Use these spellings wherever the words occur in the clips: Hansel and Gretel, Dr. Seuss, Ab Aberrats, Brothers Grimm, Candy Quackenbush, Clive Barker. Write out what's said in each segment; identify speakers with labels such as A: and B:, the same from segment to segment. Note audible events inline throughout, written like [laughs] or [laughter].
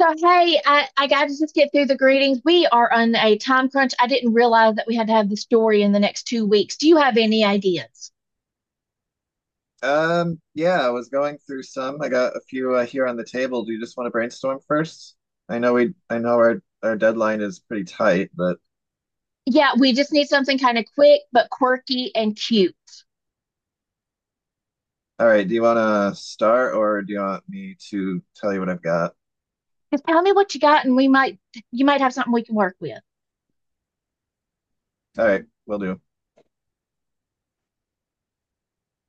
A: So, hey, I got to just get through the greetings. We are on a time crunch. I didn't realize that we had to have the story in the next 2 weeks. Do you have any ideas?
B: Yeah, I was going through some. I got a few here on the table. Do you just want to brainstorm first? I know our deadline is pretty tight, but
A: Yeah, we just need something kind of quick but quirky and cute.
B: all right. Do you want to start, or do you want me to tell you what I've got?
A: Just tell me what you got, and we might you might have something we can work with.
B: All right, we'll do.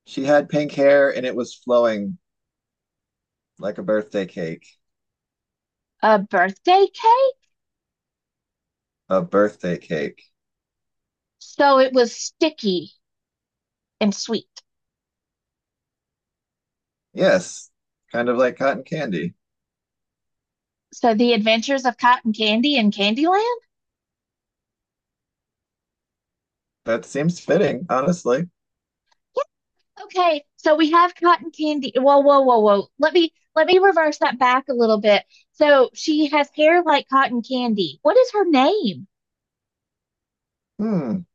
B: She had pink hair, and it was flowing like a birthday cake.
A: A birthday cake?
B: A birthday cake.
A: So it was sticky and sweet.
B: Yes, kind of like cotton candy.
A: So the adventures of cotton candy and Candyland?
B: That seems fitting, honestly.
A: Okay, so we have cotton candy. Whoa, whoa, whoa, whoa. Let me reverse that back a little bit. So she has hair like cotton candy. What is her name?
B: Hmm.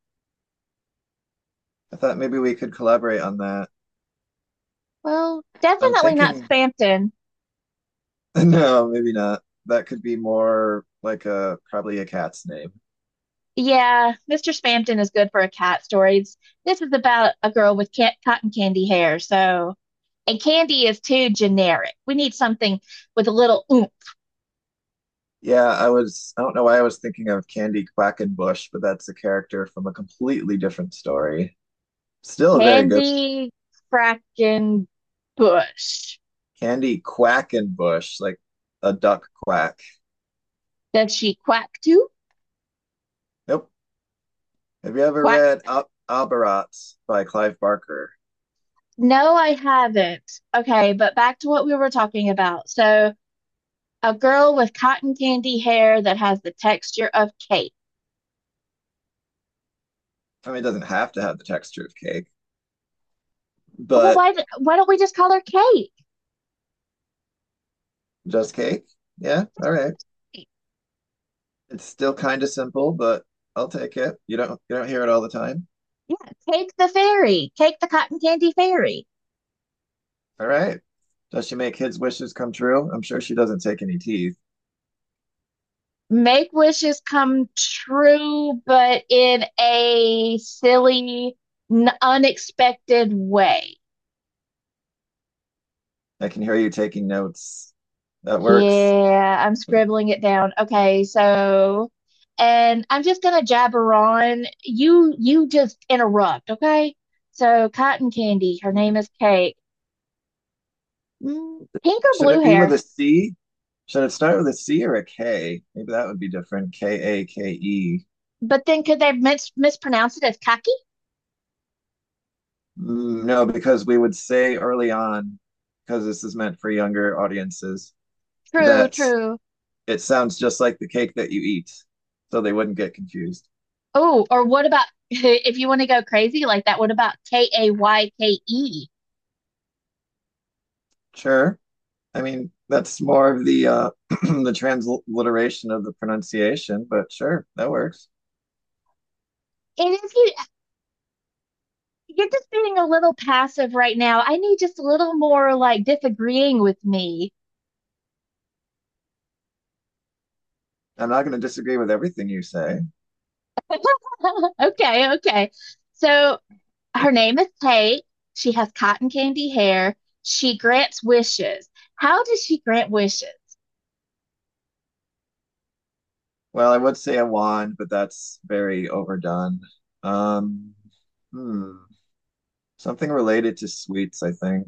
B: I thought maybe we could collaborate on that.
A: Well,
B: I'm
A: definitely not
B: thinking
A: Spampton.
B: [laughs] no, maybe not. That could be more like a probably a cat's name.
A: Yeah, Mr. Spampton is good for a cat stories. This is about a girl with cat cotton candy hair. So, and candy is too generic. We need something with a little oomph.
B: Yeah, I don't know why I was thinking of Candy Quackenbush, but that's a character from a completely different story. Still a very good
A: Candy Kraken Bush.
B: Candy Quackenbush, like a duck quack.
A: Does she quack too?
B: Nope. Have you ever
A: Quack,
B: read Ab Aberrats by Clive Barker?
A: no, I haven't. Okay, but back to what we were talking about. So, a girl with cotton candy hair that has the texture of cake.
B: I mean, it doesn't have to have the texture of cake,
A: Well,
B: but
A: why don't we just call her Cake?
B: just cake? Yeah, all right. It's still kind of simple, but I'll take it. You don't hear it all the time.
A: Yeah, Cake the fairy. Cake the cotton candy fairy.
B: All right. Does she make kids' wishes come true? I'm sure she doesn't take any teeth.
A: Make wishes come true, but in a silly, unexpected way.
B: I can hear you taking notes. That works.
A: Yeah, I'm scribbling it down. Okay, so, and I'm just gonna jabber on. You just interrupt, okay? So, Cotton Candy, her name is
B: [laughs]
A: Cake. Mm, pink or
B: Should
A: blue
B: it be with
A: hair?
B: a C? Should it start with a C or a K? Maybe that would be different. Kake.
A: But then could they mispronounce it as kaki?
B: Mm, no, because we would say early on, because this is meant for younger audiences,
A: True,
B: that
A: true.
B: it sounds just like the cake that you eat. So they wouldn't get confused.
A: Oh, or what about [laughs] if you want to go crazy like that? What about Kayke?
B: Sure. I mean, that's more of the [clears throat] the transliteration of the pronunciation, but sure, that works.
A: And if you're just being a little passive right now, I need just a little more like disagreeing with me.
B: I'm not going to disagree with everything you say.
A: [laughs] Okay, okay. So her name is Kate. She has cotton candy hair. She grants wishes. How does she grant wishes?
B: Well, I would say a wand, but that's very overdone. Um, hmm, Something related to sweets, I think.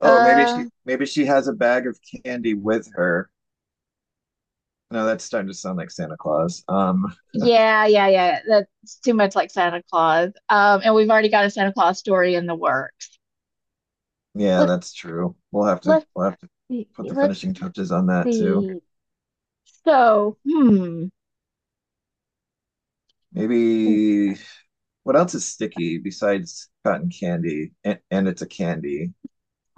B: Oh,
A: Uh,
B: maybe she has a bag of candy with her. No, that's starting to sound like Santa Claus.
A: yeah, yeah, yeah. That's too much like Santa Claus. And we've already got a Santa Claus story in the works.
B: Yeah,
A: Let's
B: that's true.
A: let's
B: We'll have to put the
A: Let's
B: finishing touches on that too.
A: see. So,
B: Maybe what else is sticky besides cotton candy? And it's a candy.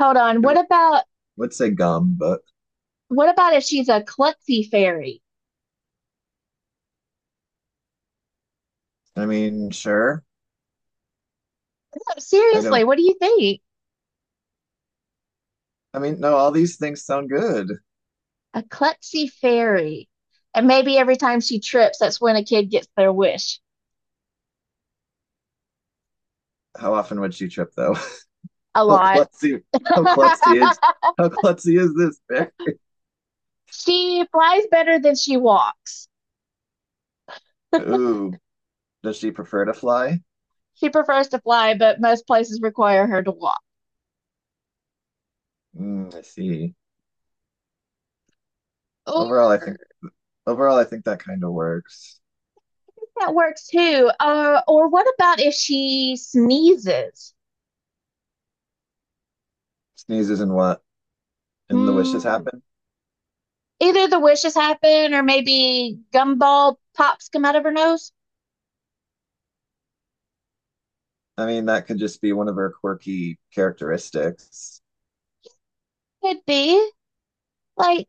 A: Hold on.
B: I would, would say gum, but
A: What about if she's a klutzy fairy?
B: I mean, sure.
A: No,
B: I
A: seriously,
B: don't.
A: what do you think?
B: I mean, no, all these things sound good.
A: A klutzy fairy. And maybe every time she trips, that's when a kid gets their wish.
B: How often would she trip though?
A: A
B: [laughs] How
A: lot.
B: klutzy,
A: [laughs]
B: how klutzy is, how klutzy is this bear?
A: She flies better than she walks.
B: Ooh, does she prefer to fly?
A: She prefers to fly, but most places require her to walk.
B: Mm, I see. Overall,
A: Or
B: I think overall, I think that kind of works.
A: that works too. Or what about if she sneezes?
B: Sneezes and what? And the wishes
A: Mm,
B: happen.
A: either the wishes happen, or maybe gumball pops come out of her nose.
B: I mean, that could just be one of her quirky characteristics.
A: Could be. Like,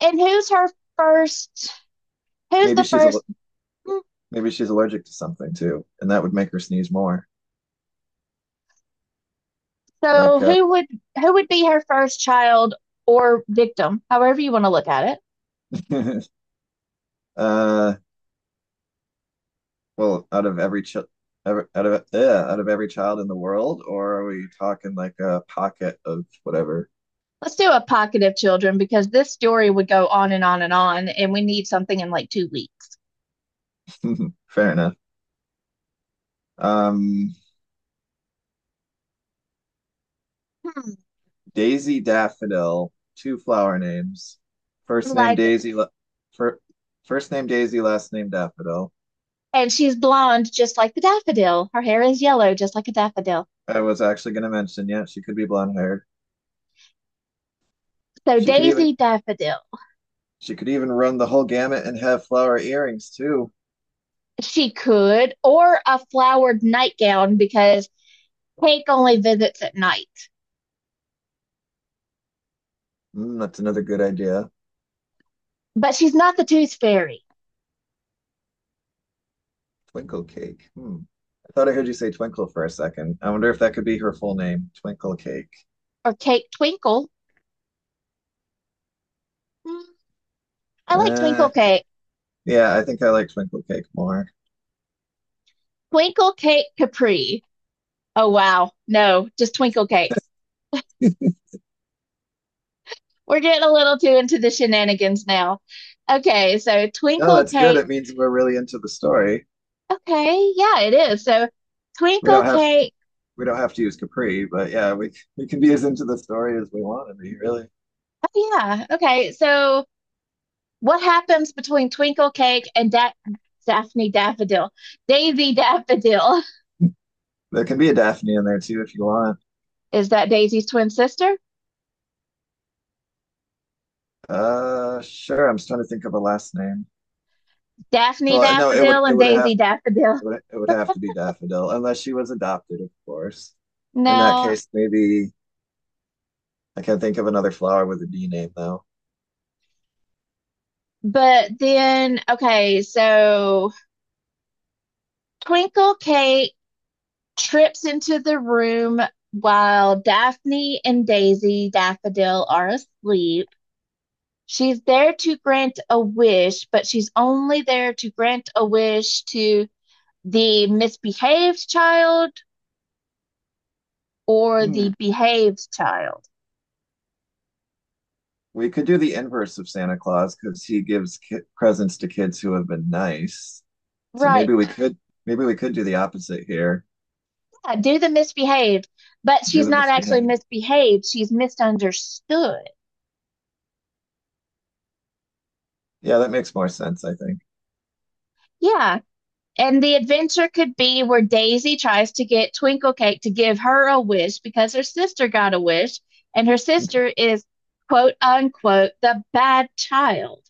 A: and who's her first? Who's
B: Maybe
A: the
B: she's a
A: first? mm,
B: Maybe she's allergic to something too, and that would make her sneeze more.
A: So
B: Like, uh,
A: who would be her first child or victim, however you want to look at it?
B: [laughs] uh, well, out of every ch ever- out of yeah, out of every child in the world, or are we talking like a pocket of whatever?
A: Let's do a pocket of children because this story would go on and on and on, and we need something in like 2 weeks.
B: [laughs] Fair enough. Um,
A: Hmm,
B: Daisy Daffodil, two flower names.
A: I
B: First name
A: like that.
B: Daisy, la- fir first name Daisy, last name Daffodil.
A: And she's blonde, just like the daffodil. Her hair is yellow, just like a daffodil.
B: I was actually going to mention, yeah, she could be blonde haired.
A: So
B: She could even
A: Daisy Daffodil.
B: she could even run the whole gamut and have flower earrings too.
A: She could, or a flowered nightgown because Cake only visits at night.
B: Mm, that's another good idea.
A: But she's not the Tooth Fairy
B: Twinkle cake. Hmm. I thought I heard you say twinkle for a second. I wonder if that could be her full name, Twinkle Cake.
A: or Cake Twinkle. Hmm, I like
B: Uh,
A: Twinkle Cake.
B: yeah, I think I like Twinkle Cake more.
A: Twinkle Cake Capri. Oh, wow. No, just Twinkle Cake. We're getting a little too into the shenanigans now. Okay, so
B: No,
A: Twinkle
B: that's good.
A: Cake.
B: It means we're really into the story.
A: Okay, yeah, it is. So
B: We
A: Twinkle
B: don't have
A: Cake.
B: we don't have to use Capri, but yeah, we can be as into the story as we want to be, really.
A: Oh, yeah. Okay, so what happens between Twinkle Cake and da Daphne Daffodil? Daisy Daffodil.
B: There can be a Daphne in there too if you want.
A: Is that Daisy's twin sister?
B: Sure. I'm just trying to think of a last name.
A: Daphne
B: Well, no,
A: Daffodil and Daisy Daffodil.
B: it would have to be Daffodil, unless she was adopted, of course. In that
A: No,
B: case, maybe I can't think of another flower with a D name though.
A: but then, okay, so Twinkle Cake trips into the room while Daphne and Daisy Daffodil are asleep. She's there to grant a wish, but she's only there to grant a wish to the misbehaved child or
B: Hmm.
A: the behaved child.
B: We could do the inverse of Santa Claus because he gives ki presents to kids who have been nice. So
A: Right.
B: maybe we [laughs] could maybe we could do the opposite here.
A: Yeah, do the misbehaved, but
B: Do
A: she's
B: the
A: not actually
B: misbehave.
A: misbehaved. She's misunderstood.
B: Yeah, that makes more sense, I think.
A: Yeah. And the adventure could be where Daisy tries to get Twinklecake to give her a wish because her sister got a wish, and her sister is quote unquote the bad child.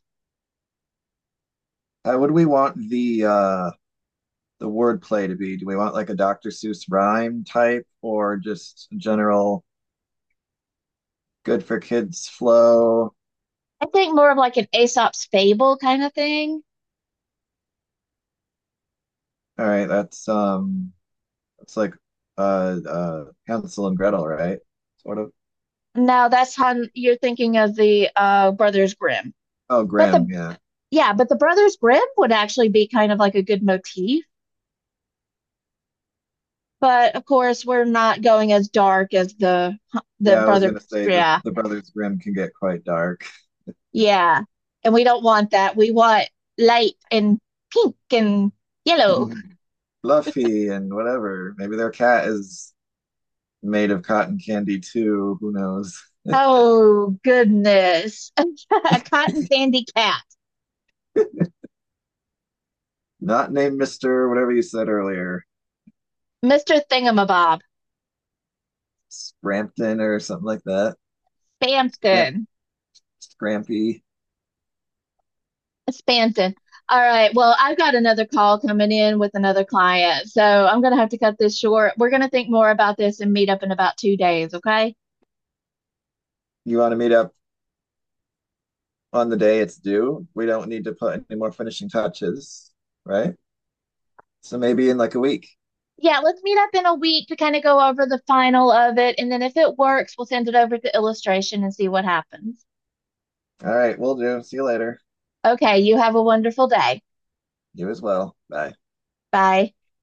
B: How would we want the word play to be? Do we want like a Dr. Seuss rhyme type or just general good for kids flow?
A: I think more of like an Aesop's fable kind of thing.
B: All right, that's like Hansel and Gretel, right? Sort of.
A: No, that's how you're thinking of the Brothers Grimm.
B: Oh,
A: But
B: Grimm,
A: the
B: yeah.
A: yeah, but the Brothers Grimm would actually be kind of like a good motif. But of course, we're not going as dark as the
B: Yeah, I was
A: Brothers.
B: gonna say
A: Yeah,
B: the Brothers Grimm can get quite dark.
A: yeah. And we don't want that. We want light and pink and yellow.
B: [laughs] Fluffy and whatever. Maybe their cat is made of cotton candy too. Who knows?
A: Oh, goodness. [laughs] A cotton candy cat.
B: Not named Mister, whatever you said earlier.
A: Mr. Thingamabob.
B: Scrampton or something like that. Scramp
A: Spampton.
B: Scrampy.
A: Spampton. All right. Well, I've got another call coming in with another client. So I'm going to have to cut this short. We're going to think more about this and meet up in about 2 days. Okay.
B: You want to meet up on the day it's due? We don't need to put any more finishing touches, right? So maybe in like a week.
A: Yeah. Let's meet up in a week to kind of go over the final of it. And then if it works, we'll send it over to illustration and see what happens.
B: All right, we'll do. See you later.
A: Okay, you have a wonderful day.
B: You as well. Bye.
A: Bye.